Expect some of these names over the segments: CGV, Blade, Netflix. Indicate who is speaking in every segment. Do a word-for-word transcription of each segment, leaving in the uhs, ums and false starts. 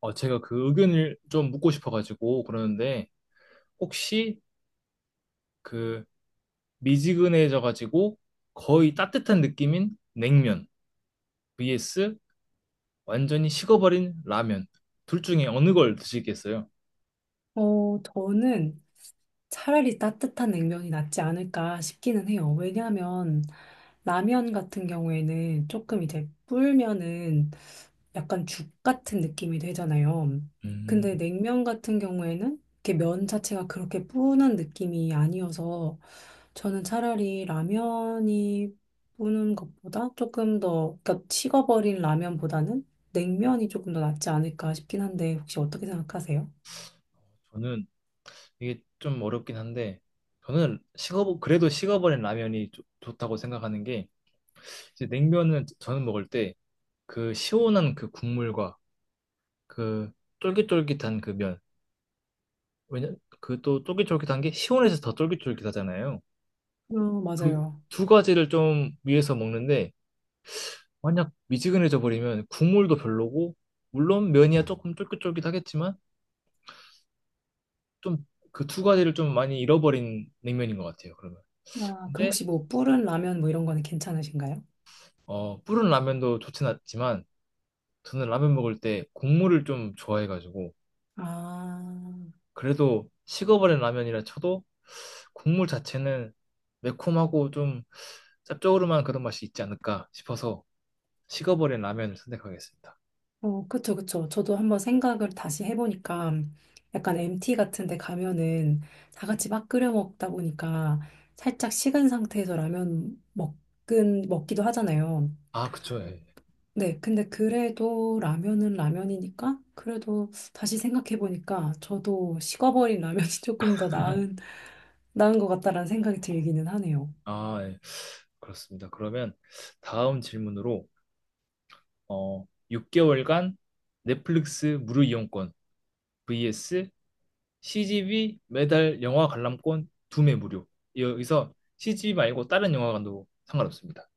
Speaker 1: 어, 제가 그 의견을 좀 묻고 싶어가지고 그러는데 혹시 그 미지근해져가지고 거의 따뜻한 느낌인 냉면 vs 완전히 식어버린 라면 둘 중에 어느 걸 드시겠어요?
Speaker 2: 어, 저는 차라리 따뜻한 냉면이 낫지 않을까 싶기는 해요. 왜냐하면 라면 같은 경우에는 조금 이제 불면은 약간 죽 같은 느낌이 되잖아요.
Speaker 1: 음,
Speaker 2: 근데 냉면 같은 경우에는 이렇게 면 자체가 그렇게 뿌는 느낌이 아니어서 저는 차라리 라면이 뿌는 것보다 조금 더, 그러니까 식어버린 라면보다는 냉면이 조금 더 낫지 않을까 싶긴 한데 혹시 어떻게 생각하세요?
Speaker 1: 저는 이게 좀 어렵긴 한데 저는 식어 그래도 식어버린 라면이 좋- 좋다고 생각하는 게 이제 냉면은 저는 먹을 때 그 시원한 그 국물과 그 쫄깃쫄깃한 그면 왜냐 그 또 쫄깃쫄깃한 게 시원해서 더 쫄깃쫄깃하잖아요.
Speaker 2: 어,
Speaker 1: 그
Speaker 2: 맞아요.
Speaker 1: 두 가지를 좀 위해서 먹는데 만약 미지근해져 버리면 국물도 별로고 물론 면이야 조금 쫄깃쫄깃하겠지만 좀 그 두 가지를 좀 많이 잃어버린 냉면인 것 같아요. 그러면
Speaker 2: 아, 그럼
Speaker 1: 근데
Speaker 2: 혹시 뭐 불은 라면 뭐 이런 거는 괜찮으신가요?
Speaker 1: 어 불은 라면도 좋진 않지만 저는 라면 먹을 때 국물을 좀 좋아해가지고
Speaker 2: 아,
Speaker 1: 그래도 식어버린 라면이라 쳐도 국물 자체는 매콤하고 좀 짭조름한 그런 맛이 있지 않을까 싶어서 식어버린 라면을 선택하겠습니다.
Speaker 2: 어, 그쵸, 그쵸. 저도 한번 생각을 다시 해보니까 약간 엠티 같은 데 가면은 다 같이 막 끓여 먹다 보니까 살짝 식은 상태에서 라면 먹긴, 먹기도 하잖아요.
Speaker 1: 아, 그쵸. 예.
Speaker 2: 네, 근데 그래도 라면은 라면이니까 그래도 다시 생각해보니까 저도 식어버린 라면이 조금 더 나은, 나은 것 같다라는 생각이 들기는 하네요.
Speaker 1: 아, 예. 그렇습니다. 그러면 다음 질문으로 어, 육 개월간 넷플릭스 무료 이용권 vs 씨지비 매달 영화 관람권 두 매 무료. 여기서 씨지비 말고 다른 영화관도 상관없습니다.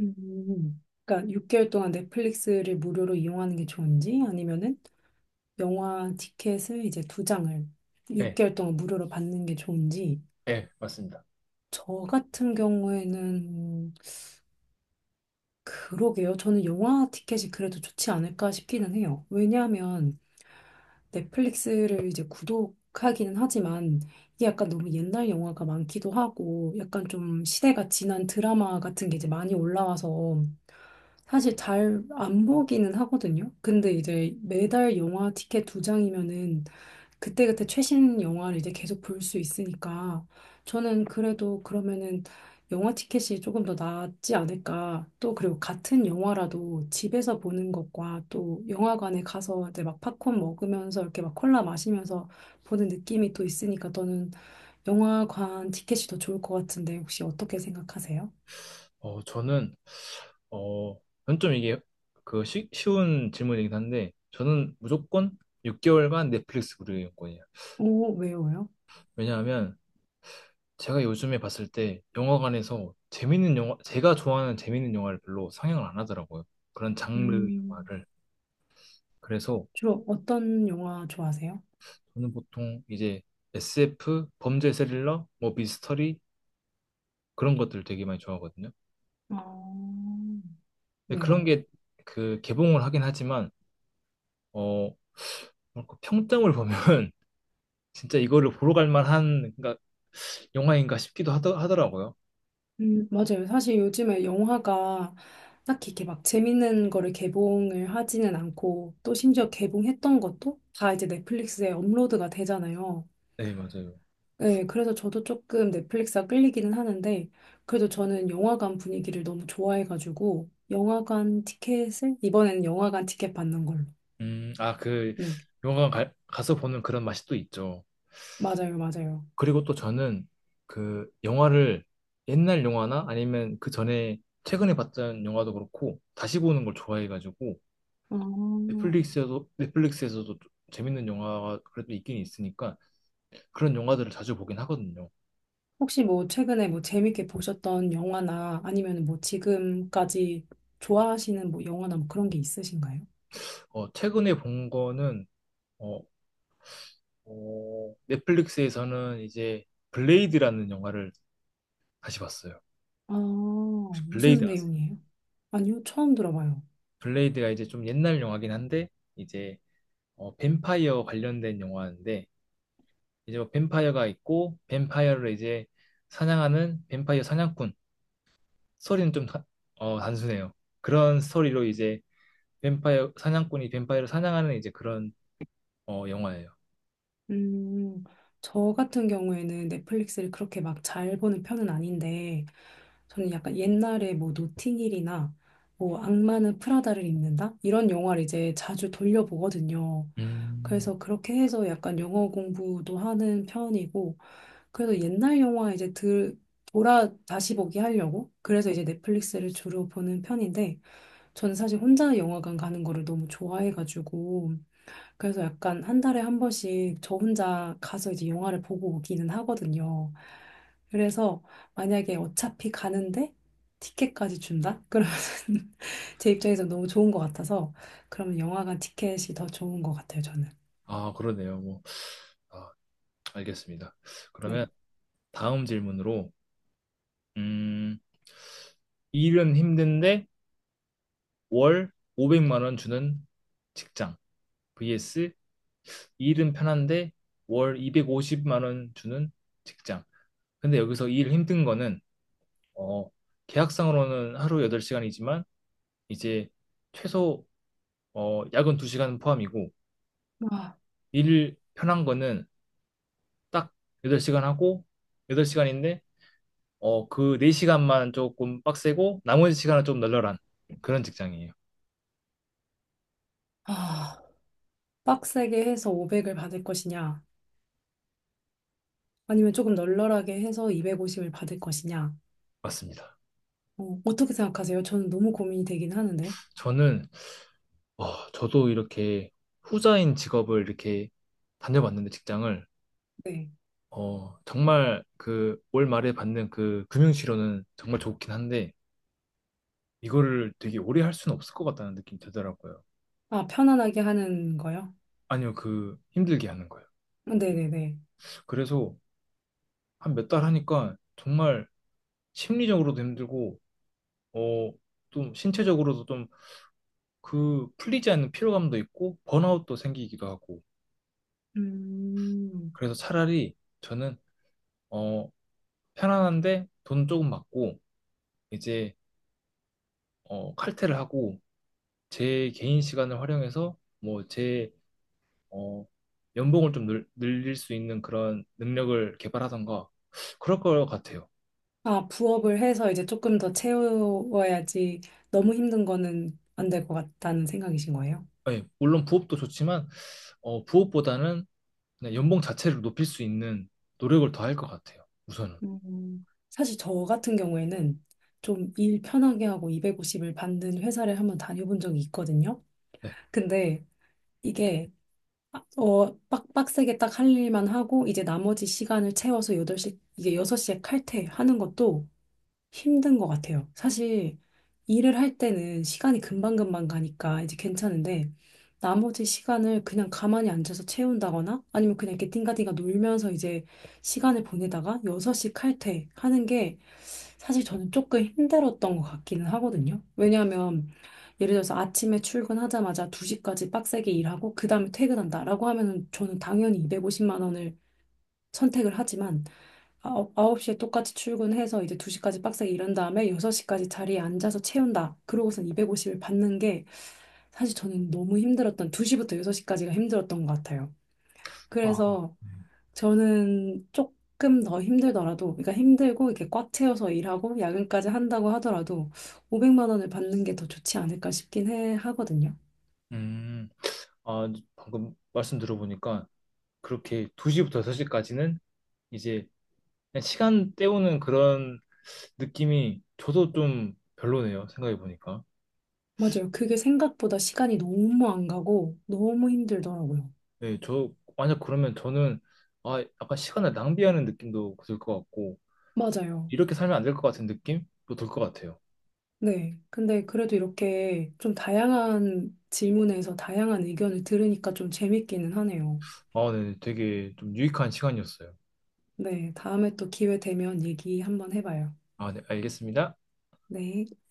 Speaker 2: 음. 그러니까 육 개월 동안 넷플릭스를 무료로 이용하는 게 좋은지 아니면은 영화 티켓을 이제 두 장을
Speaker 1: 예,
Speaker 2: 육 개월 동안 무료로 받는 게 좋은지
Speaker 1: 예, 맞습니다.
Speaker 2: 저 같은 경우에는 음, 그러게요. 저는 영화 티켓이 그래도 좋지 않을까 싶기는 해요. 왜냐하면 넷플릭스를 이제 구독하기는 하지만 이게 약간 너무 옛날 영화가 많기도 하고 약간 좀 시대가 지난 드라마 같은 게 이제 많이 올라와서 사실 잘 안 보기는 하거든요. 근데 이제 매달 영화 티켓 두 장이면은 그때그때 최신 영화를 이제 계속 볼 수 있으니까 저는 그래도 그러면은 영화 티켓이 조금 더 낫지 않을까. 또 그리고 같은 영화라도 집에서 보는 것과 또 영화관에 가서 이제 막 팝콘 먹으면서 이렇게 막 콜라 마시면서 보는 느낌이 또 있으니까 저는 영화관 티켓이 더 좋을 것 같은데 혹시 어떻게 생각하세요?
Speaker 1: 어, 저는 어, 저는 좀 이게 그 쉬, 쉬운 질문이긴 한데 저는 무조건 육 개월간 넷플릭스 무료 이용권이에요.
Speaker 2: 오, 왜요? 왜요?
Speaker 1: 왜냐하면 제가 요즘에 봤을 때 영화관에서 재밌는 영화, 제가 좋아하는 재밌는 영화를 별로 상영을 안 하더라고요. 그런 장르
Speaker 2: 음.
Speaker 1: 영화를. 그래서
Speaker 2: 주로 어떤 영화 좋아하세요?
Speaker 1: 저는 보통 이제 에스에프, 범죄 스릴러, 뭐 미스터리 그런 것들 되게 많이 좋아하거든요.
Speaker 2: 아,
Speaker 1: 근데 그런
Speaker 2: 네.
Speaker 1: 게 그 개봉을 하긴 하지만 어, 뭐랄까, 평점을 보면 진짜 이거를 보러 갈 만한 그러니까 영화인가 싶기도 하더, 하더라고요.
Speaker 2: 음, 맞아요. 사실 요즘에 영화가 딱히 이렇게 막 재밌는 거를 개봉을 하지는 않고 또 심지어 개봉했던 것도 다 이제 넷플릭스에 업로드가 되잖아요.
Speaker 1: 네, 맞아요.
Speaker 2: 네. 그래서 저도 조금 넷플릭스가 끌리기는 하는데 그래도 저는 영화관 분위기를 너무 좋아해가지고 영화관 티켓을 이번에는 영화관 티켓 받는 걸로.
Speaker 1: 음, 아, 그
Speaker 2: 네.
Speaker 1: 영화관 가, 가서 보는 그런 맛이 또 있죠.
Speaker 2: 맞아요. 맞아요.
Speaker 1: 그리고 또 저는 그 영화를 옛날 영화나 아니면 그 전에 최근에 봤던 영화도 그렇고 다시 보는 걸 좋아해가지고
Speaker 2: 아.
Speaker 1: 넷플릭스에도 넷플릭스에서도 좀 재밌는 영화가 그래도 있긴 있으니까 그런 영화들을 자주 보긴 하거든요.
Speaker 2: 혹시 뭐 최근에 뭐 재밌게 보셨던 영화나 아니면 뭐 지금까지 좋아하시는 뭐 영화나 뭐 그런 게 있으신가요?
Speaker 1: 어, 최근에 본 거는 어, 어, 넷플릭스에서는 이제 블레이드라는 영화를 다시 봤어요.
Speaker 2: 아,
Speaker 1: 혹시 블레이드
Speaker 2: 무슨
Speaker 1: 아세요?
Speaker 2: 내용이에요? 아니요, 처음 들어봐요.
Speaker 1: 블레이드가 이제 좀 옛날 영화긴 한데 이제 어, 뱀파이어 관련된 영화인데 이제 뭐 뱀파이어가 있고 뱀파이어를 이제 사냥하는 뱀파이어 사냥꾼 스토리는 좀 다- 어, 단순해요. 그런 스토리로 이제 뱀파이어 사냥꾼이 뱀파이어를 사냥하는 이제 그런 어, 영화예요.
Speaker 2: 음, 저 같은 경우에는 넷플릭스를 그렇게 막 잘 보는 편은 아닌데, 저는 약간 옛날에 뭐 노팅힐이나 뭐 악마는 프라다를 입는다? 이런 영화를 이제 자주 돌려보거든요.
Speaker 1: 음.
Speaker 2: 그래서 그렇게 해서 약간 영어 공부도 하는 편이고, 그래서 옛날 영화 이제 들, 돌아 다시 보기 하려고 그래서 이제 넷플릭스를 주로 보는 편인데 저는 사실 혼자 영화관 가는 거를 너무 좋아해가지고 그래서 약간 한 달에 한 번씩 저 혼자 가서 이제 영화를 보고 오기는 하거든요. 그래서 만약에 어차피 가는데 티켓까지 준다? 그러면 제 입장에서 너무 좋은 것 같아서 그러면 영화관 티켓이 더 좋은 것 같아요, 저는.
Speaker 1: 아 그러네요. 뭐 아, 알겠습니다.
Speaker 2: 네.
Speaker 1: 그러면 다음 질문으로 음, 일은 힘든데 월 오백만 원 주는 직장 vs 일은 편한데 월 이백오십만 원 주는 직장 근데 여기서 일 힘든 거는 어, 계약상으로는 하루 여덟 시간이지만 이제 최소 어, 야근 두 시간 포함이고 일 편한 거는 딱 여덟 시간 하고 여덟 시간인데 어, 그 네 시간만 조금 빡세고 나머지 시간은 좀 널널한 그런 직장이에요.
Speaker 2: 아, 아, 빡세게 해서 오백을 받을 것이냐? 아니면 조금 널널하게 해서 이백오십을 받을 것이냐.
Speaker 1: 맞습니다.
Speaker 2: 어, 어떻게 생각하세요? 저는 너무 고민이 되긴 하는데.
Speaker 1: 저는 어, 저도 이렇게 후자인 직업을 이렇게 다녀봤는데 직장을
Speaker 2: 네.
Speaker 1: 어, 정말 그 올 말에 받는 그 금융치료는 정말 좋긴 한데 이거를 되게 오래 할 수는 없을 것 같다는 느낌이 들더라고요.
Speaker 2: 아, 편안하게 하는 거요?
Speaker 1: 아니요, 그 힘들게 하는 거예요.
Speaker 2: 네네네.
Speaker 1: 그래서 한 몇 달 하니까 정말 심리적으로도 힘들고, 어, 좀 신체적으로도 좀 그 풀리지 않는 피로감도 있고, 번아웃도 생기기도 하고.
Speaker 2: 음.
Speaker 1: 그래서 차라리 저는, 어, 편안한데 돈 조금 받고, 이제, 어, 칼퇴를 하고, 제 개인 시간을 활용해서, 뭐, 제 어, 연봉을 좀 늘, 늘릴 수 있는 그런 능력을 개발하던가 그럴 것 같아요.
Speaker 2: 아, 부업을 해서 이제 조금 더 채워야지 너무 힘든 거는 안 될 것 같다는 생각이신 거예요?
Speaker 1: 예, 물론 부업도 좋지만 어, 부업보다는 그냥 연봉 자체를 높일 수 있는 노력을 더 할 것 같아요. 우선은.
Speaker 2: 음. 사실 저 같은 경우에는 좀 일 편하게 하고 이백오십을 받는 회사를 한번 다녀본 적이 있거든요.
Speaker 1: 네.
Speaker 2: 근데 이게 어, 빡, 빡세게 딱 할 일만 하고, 이제 나머지 시간을 채워서 여덟 시 이게 여섯 시에 칼퇴하는 것도 힘든 것 같아요. 사실, 일을 할 때는 시간이 금방금방 가니까 이제 괜찮은데, 나머지 시간을 그냥 가만히 앉아서 채운다거나, 아니면 그냥 이렇게 띵가띵가 놀면서 이제 시간을 보내다가 여섯 시 칼퇴하는 게 사실 저는 조금 힘들었던 것 같기는 하거든요. 왜냐하면 예를 들어서 아침에 출근하자마자 두 시까지 빡세게 일하고 그 다음에 퇴근한다라고 하면은 저는 당연히 이백오십만 원을 선택을 하지만 아, 어, 아홉- 9시에 똑같이 출근해서 이제 두 시까지 빡세게 일한 다음에 여섯 시까지 자리에 앉아서 채운다. 그러고선 이백오십을 받는 게 사실 저는 너무 힘들었던 두 시부터 여섯 시까지가 힘들었던 것 같아요.
Speaker 1: 아,
Speaker 2: 그래서
Speaker 1: 네.
Speaker 2: 저는 조금 더 힘들더라도, 그러니까 힘들고 이렇게 꽉 채워서 일하고 야근까지 한다고 하더라도 오백만 원을 받는 게 더 좋지 않을까 싶긴 해 하거든요.
Speaker 1: 음, 아, 방금 말씀 들어보니까 그렇게 두 시부터 여섯 시까지는 이제 그냥 시간 때우는 그런 느낌이 저도 좀 별로네요. 생각해 보니까.
Speaker 2: 맞아요. 그게 생각보다 시간이 너무 안 가고 너무 힘들더라고요.
Speaker 1: 네, 저 만약 그러면 저는 아 약간 시간을 낭비하는 느낌도 들 것 같고
Speaker 2: 맞아요.
Speaker 1: 이렇게 살면 안 될 것 같은 느낌도 들 것 같아요.
Speaker 2: 네. 근데 그래도 이렇게 좀 다양한 질문에서 다양한 의견을 들으니까 좀 재밌기는 하네요.
Speaker 1: 아, 네, 되게 좀 유익한 시간이었어요.
Speaker 2: 네. 다음에 또 기회 되면 얘기 한번 해봐요.
Speaker 1: 아, 네, 알겠습니다.
Speaker 2: 네.